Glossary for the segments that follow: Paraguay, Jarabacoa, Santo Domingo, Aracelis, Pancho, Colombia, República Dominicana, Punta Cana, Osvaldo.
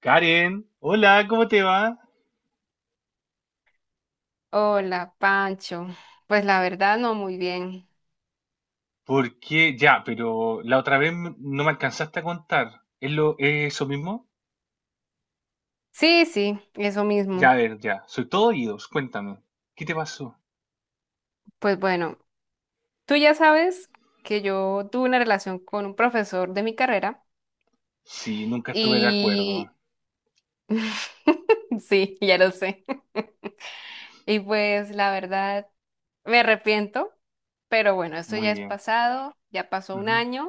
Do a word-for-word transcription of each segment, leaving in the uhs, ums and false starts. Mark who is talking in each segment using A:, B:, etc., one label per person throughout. A: Karen, hola, ¿cómo te va?
B: Hola, Pancho. Pues la verdad no muy bien.
A: Porque Ya, pero la otra vez m- no me alcanzaste a contar. ¿Es lo, es eso mismo?
B: Sí, sí, eso
A: Ya,
B: mismo.
A: a ver, ya. Soy todo oídos, cuéntame. ¿Qué te pasó?
B: Pues bueno, tú ya sabes que yo tuve una relación con un profesor de mi carrera
A: Sí, nunca estuve de acuerdo.
B: y sí, ya lo sé. Y pues la verdad me arrepiento, pero bueno, esto ya
A: Muy
B: es
A: bien.
B: pasado, ya pasó un
A: Ujú.
B: año.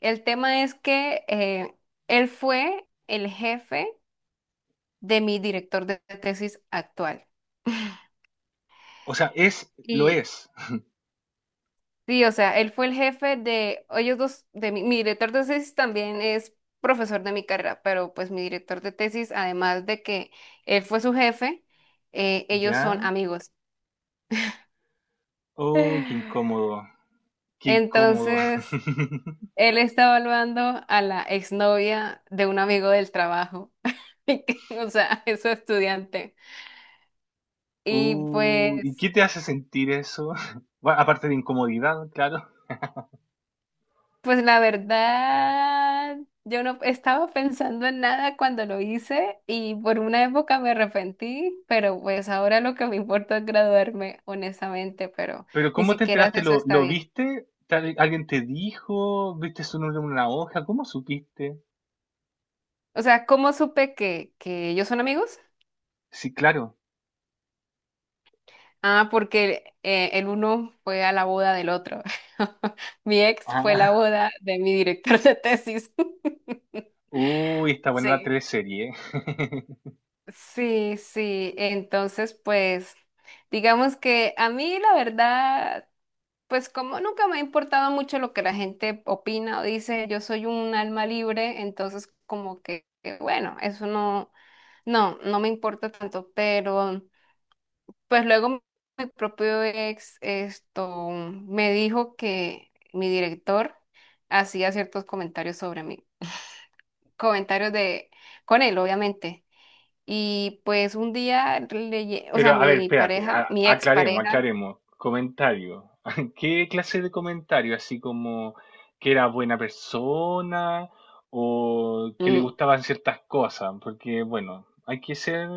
B: El tema es que eh, él fue el jefe de mi director de tesis actual.
A: O sea, es, lo
B: Y
A: es.
B: sí, o sea, él fue el jefe de ellos dos, de mi, mi director de tesis también es profesor de mi carrera, pero pues mi director de tesis, además de que él fue su jefe, eh, ellos
A: ¿Ya?
B: son amigos.
A: Uy, qué incómodo. Qué incómodo.
B: Entonces, él está evaluando a la exnovia de un amigo del trabajo, o sea, es su estudiante. Y
A: Uy, ¿y
B: pues...
A: qué te hace sentir eso? Bueno, aparte de incomodidad, claro.
B: Pues la verdad, yo no estaba pensando en nada cuando lo hice y por una época me arrepentí, pero pues ahora lo que me importa es graduarme, honestamente, pero
A: Pero
B: ni
A: ¿cómo te
B: siquiera
A: enteraste?
B: eso
A: ¿Lo,
B: está
A: lo
B: bien.
A: viste? ¿Tal- ¿Alguien te dijo? ¿Viste su nombre en una hoja? ¿Cómo supiste?
B: O sea, ¿cómo supe que, que ellos son amigos?
A: Sí, claro.
B: Ah, porque eh, el uno fue a la boda del otro. Mi ex fue la
A: Ah,
B: boda de mi director de tesis.
A: uy, está buena la
B: Sí,
A: teleserie.
B: sí, sí. Entonces, pues, digamos que a mí la verdad... Pues como nunca me ha importado mucho lo que la gente opina o dice, yo soy un alma libre, entonces como que, que bueno, eso no, no, no me importa tanto, pero pues luego mi propio ex esto me dijo que mi director hacía ciertos comentarios sobre mí, comentarios de, con él, obviamente. Y pues un día, le, o
A: Pero
B: sea,
A: a ver,
B: mi
A: espérate,
B: pareja,
A: a-
B: mi ex
A: aclaremos,
B: pareja,
A: aclaremos. Comentario. ¿Qué clase de comentario? Así como que era buena persona o que le
B: mm,
A: gustaban ciertas cosas, porque bueno, hay que ser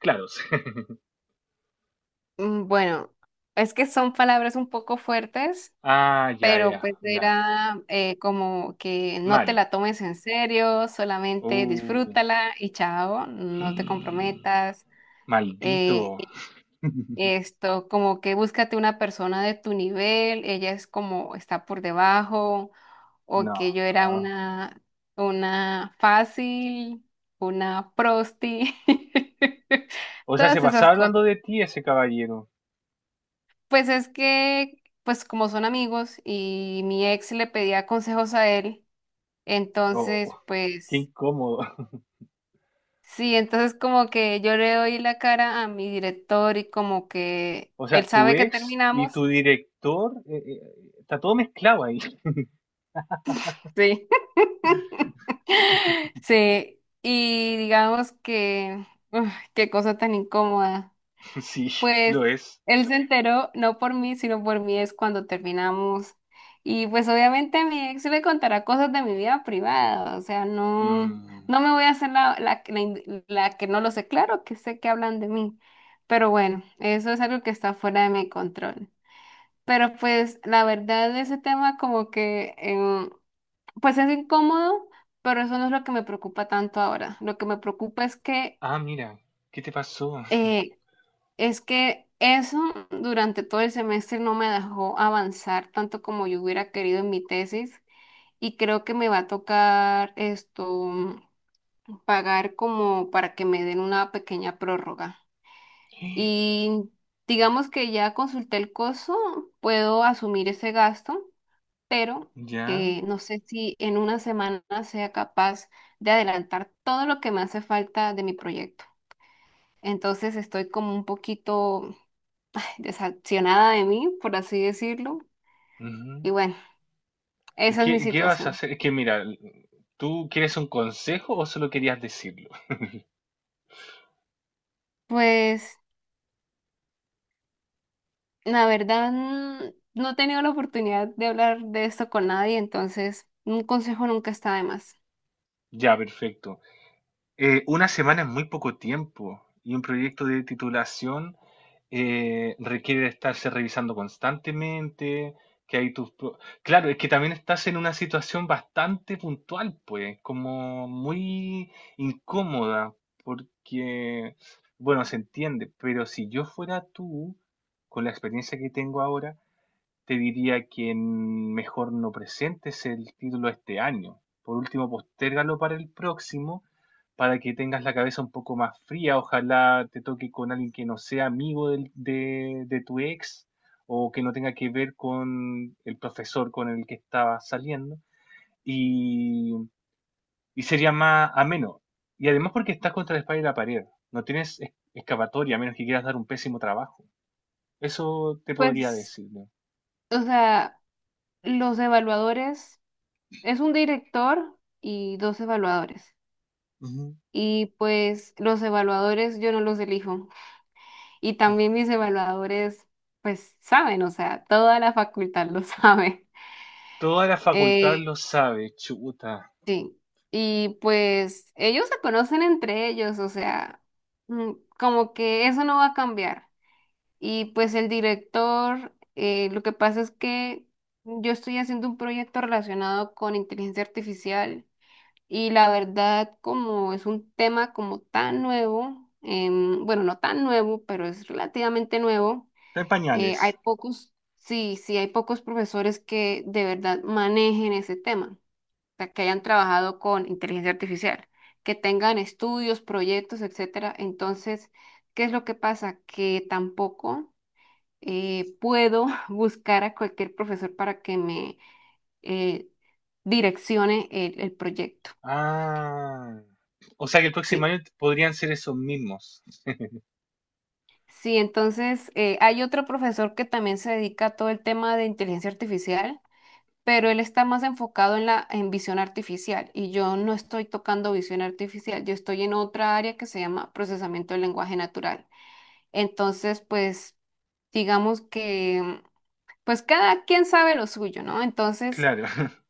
A: claros.
B: Mm, Bueno, es que son palabras un poco fuertes,
A: Ah, ya,
B: pero
A: ya,
B: pues
A: ya.
B: era eh, como que no te
A: Mal.
B: la tomes en serio, solamente
A: Uh.
B: disfrútala y chao, no te comprometas.
A: Maldito.
B: Eh, y esto, como que búscate una persona de tu nivel, ella es como está por debajo, o
A: No.
B: que yo era
A: Ah.
B: una, una fácil, una prosti,
A: O sea, se
B: todas esas
A: pasaba hablando
B: cosas.
A: de ti ese caballero.
B: Pues es que, pues como son amigos y mi ex le pedía consejos a él,
A: Oh,
B: entonces,
A: qué
B: pues
A: incómodo.
B: sí, entonces como que yo le doy la cara a mi director y como que
A: O
B: él
A: sea, tu
B: sabe que
A: ex y
B: terminamos.
A: tu director, eh, eh, está todo mezclado ahí.
B: Sí. Sí, y digamos que, uf, qué cosa tan incómoda.
A: Sí,
B: Pues
A: lo es.
B: él se enteró, no por mí, sino por mí es cuando terminamos. Y pues obviamente mi ex le contará cosas de mi vida privada, o sea, no,
A: Mm.
B: no me voy a hacer la, la, que- la, in- la que no lo sé, claro que sé que hablan de mí, pero bueno, eso es algo que está fuera de mi control. Pero pues la verdad ese tema como que, em, pues es incómodo, pero eso no es lo que me preocupa tanto ahora. Lo que me preocupa es que...
A: Ah, mira, ¿qué te pasó?
B: eh, es que eso durante todo el semestre no me dejó avanzar tanto como yo hubiera querido en mi tesis y creo que me va a tocar esto pagar como para que me den una pequeña prórroga. Y digamos que ya consulté el costo, puedo asumir ese gasto, pero
A: ¿Ya?
B: eh, no sé si en una semana sea capaz de adelantar todo lo que me hace falta de mi proyecto. Entonces estoy como un poquito desaccionada de mí, por así decirlo.
A: Ujú.
B: Y bueno,
A: ¿Y
B: esa es mi
A: qué, qué vas a
B: situación.
A: hacer? Es que mira, ¿tú quieres un consejo o solo querías decirlo?
B: Pues la verdad mm, no he tenido la oportunidad de hablar de esto con nadie, entonces un consejo nunca está de más.
A: Ya, perfecto. Eh, una semana es muy poco tiempo y un proyecto de titulación eh, requiere de estarse revisando constantemente, que hay tus... pro- Claro, es que también estás en una situación bastante puntual, pues, como muy incómoda, porque, bueno, se entiende, pero si yo fuera tú, con la experiencia que tengo ahora, te diría que mm, mejor no presentes el título este año. Por último, postérgalo para el próximo, para que tengas la cabeza un poco más fría. Ojalá te toque con alguien que no sea amigo del- de, de tu ex o que no tenga que ver con el profesor con el que estabas saliendo. Y, y sería más ameno. Y además porque estás contra la espalda y la pared. No tienes es- escapatoria a menos que quieras dar un pésimo trabajo. Eso te podría
B: Pues,
A: decir, ¿no?
B: o sea, los evaluadores, es un director y dos evaluadores.
A: Ujú.
B: Y pues los evaluadores yo no los elijo. Y también mis evaluadores, pues saben, o sea, toda la facultad lo sabe.
A: Toda la facultad
B: Eh,
A: lo sabe, chuta.
B: Sí, y pues ellos se conocen entre ellos, o sea, mm, como que eso no va a cambiar. Y pues el director, eh, lo que pasa es que yo estoy haciendo un proyecto relacionado con inteligencia artificial y la verdad como es un tema como tan nuevo, em, bueno, no tan nuevo, pero es relativamente nuevo,
A: Está en
B: eh, hay
A: pañales.
B: pocos, sí, sí, hay pocos profesores que de verdad manejen ese tema sea, que hayan trabajado con inteligencia artificial, que tengan estudios, proyectos, etcétera. Entonces, ¿qué es lo que pasa? Que tampoco eh, puedo buscar a cualquier profesor para que me eh, direccione el, el proyecto.
A: Ah. O sea que el
B: Sí.
A: próximo año podrían ser esos mismos.
B: Sí, entonces eh, hay otro profesor que también se dedica a todo el tema de inteligencia artificial pero él está más enfocado en la en visión artificial y yo no estoy tocando visión artificial, yo estoy en otra área que se llama procesamiento del lenguaje natural. Entonces, pues digamos que pues cada quien sabe lo suyo, ¿no? Entonces,
A: Claro.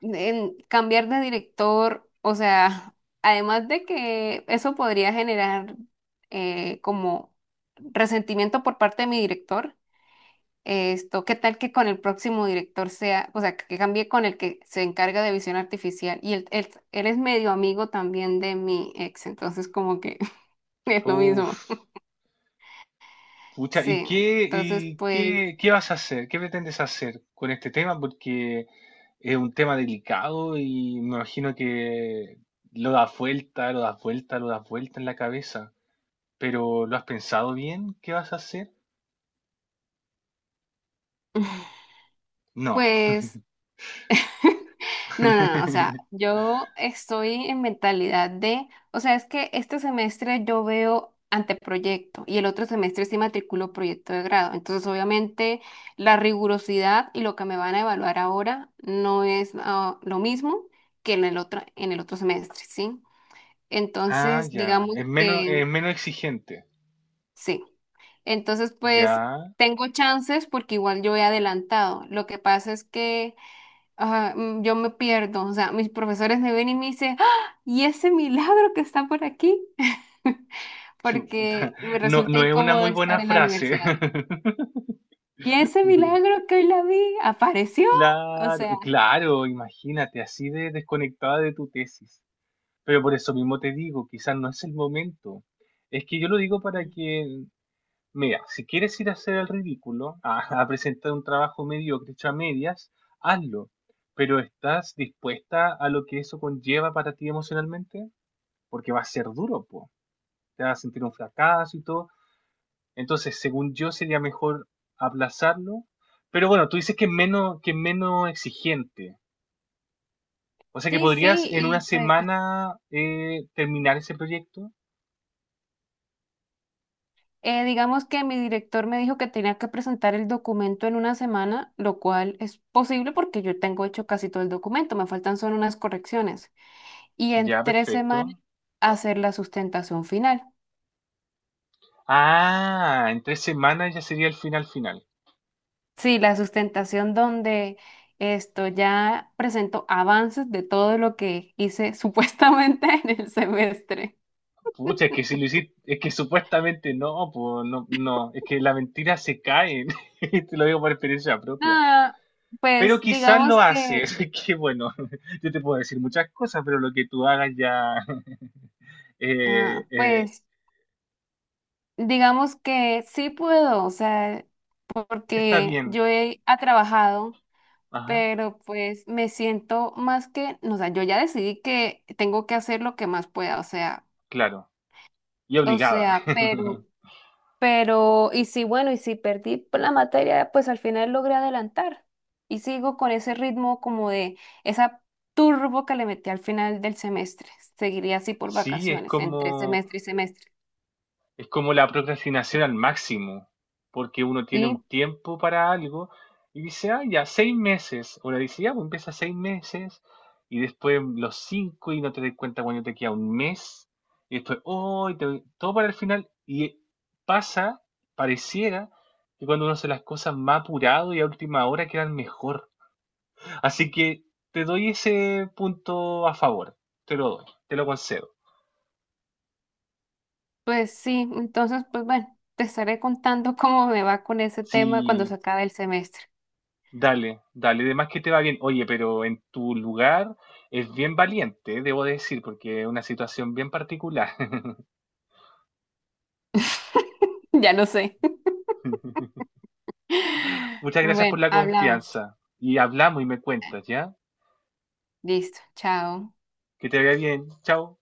B: en cambiar de director, o sea, además de que eso podría generar eh, como resentimiento por parte de mi director, esto, ¿qué tal que con el próximo director sea, o sea, que cambie con el que se encarga de visión artificial? Y él, él, él es medio amigo también de mi ex, entonces como que es lo
A: Uf.
B: mismo.
A: Pucha, ¿y
B: Sí,
A: qué,
B: entonces
A: y
B: pues,
A: qué, qué vas a hacer? ¿Qué pretendes hacer con este tema? Porque es un tema delicado y me imagino que lo das vuelta, lo das vuelta, lo das vuelta en la cabeza. Pero ¿lo has pensado bien? ¿Qué vas a hacer? No.
B: pues no, no, no, o sea, yo estoy en mentalidad de, o sea, es que este semestre yo veo anteproyecto y el otro semestre sí matriculo proyecto de grado. Entonces, obviamente, la rigurosidad y lo que me van a evaluar ahora no es ah, lo mismo que en el otro, en el otro semestre, ¿sí?
A: Ah,
B: Entonces,
A: ya.
B: digamos
A: Es menos,
B: que
A: es menos exigente.
B: sí. Entonces, pues,
A: Ya.
B: tengo chances porque igual yo he adelantado. Lo que pasa es que ajá, mm, yo me pierdo, o sea, mis profesores me ven y me dicen, ¡ah! ¿Y ese milagro que está por aquí?
A: Chuta.
B: Porque me
A: No,
B: resulta
A: no es una
B: incómodo
A: muy
B: estar
A: buena
B: en la
A: frase.
B: universidad. ¿Y ese milagro que hoy la vi apareció? O
A: Claro,
B: sea,
A: claro, imagínate, así de desconectada de tu tesis. Pero por eso mismo te digo, quizás no es el momento. Es que yo lo digo para que, mira, si quieres ir a hacer el ridículo, a, a presentar un trabajo mediocre hecho a medias, hazlo. Pero ¿estás dispuesta a lo que eso conlleva para ti emocionalmente? Porque va a ser duro, po. Te vas a sentir un fracaso y todo. Entonces, según yo, sería mejor aplazarlo. Pero bueno, tú dices que es menos, que es menos exigente. O sea que
B: sí, sí,
A: podrías en una
B: y pues
A: semana eh, terminar ese proyecto.
B: eh, digamos que mi director me dijo que tenía que presentar el documento en una semana, lo cual es posible porque yo tengo hecho casi todo el documento, me faltan solo unas correcciones. Y en
A: Ya,
B: tres
A: perfecto.
B: semanas hacer la sustentación final.
A: Ah, en tres semanas ya sería el final final.
B: Sí, la sustentación donde esto ya presento avances de todo lo que hice supuestamente en el semestre.
A: Pucha, es que si lo hiciste, es que supuestamente no, pues no, no, es que la mentira se cae, te lo digo por experiencia propia.
B: Ah,
A: Pero
B: pues
A: quizás
B: digamos
A: lo
B: que,
A: haces, que bueno, yo te puedo decir muchas cosas, pero lo que tú hagas ya eh,
B: ah,
A: eh,
B: pues digamos que sí puedo, o sea,
A: está
B: porque
A: bien.
B: yo he ha trabajado,
A: Ajá,
B: pero pues me siento más que, no, o sea, yo ya decidí que tengo que hacer lo que más pueda, o sea,
A: claro. Y
B: o
A: obligada.
B: sea, pero Pero, y si, bueno, y si perdí por la materia, pues al final logré adelantar. Y sigo con ese ritmo como de esa turbo que le metí al final del semestre. Seguiría así por
A: Sí, es
B: vacaciones, entre
A: como...
B: semestre y semestre.
A: Es como la procrastinación al máximo, porque uno tiene un
B: Sí,
A: tiempo para algo y dice, ah, ya, seis meses. O le dice, ya, pues empieza seis meses y después los cinco y no te das cuenta cuando te queda un mes. Y después, oh, y te- todo para el final. Y pasa, pareciera, que cuando uno hace las cosas más apurado y a última hora quedan mejor. Así que te doy ese punto a favor. Te lo doy, te lo concedo.
B: pues sí, entonces, pues bueno, te estaré contando cómo me va con ese tema cuando
A: Si
B: se acabe el semestre.
A: Dale, dale, de más que te va bien. Oye, pero en tu lugar es bien valiente, debo decir, porque es una situación bien particular.
B: Ya lo sé.
A: Muchas gracias por
B: Bueno,
A: la
B: hablamos.
A: confianza. Y hablamos y me cuentas, ¿ya?
B: Listo, chao.
A: Que te vaya bien. Chao.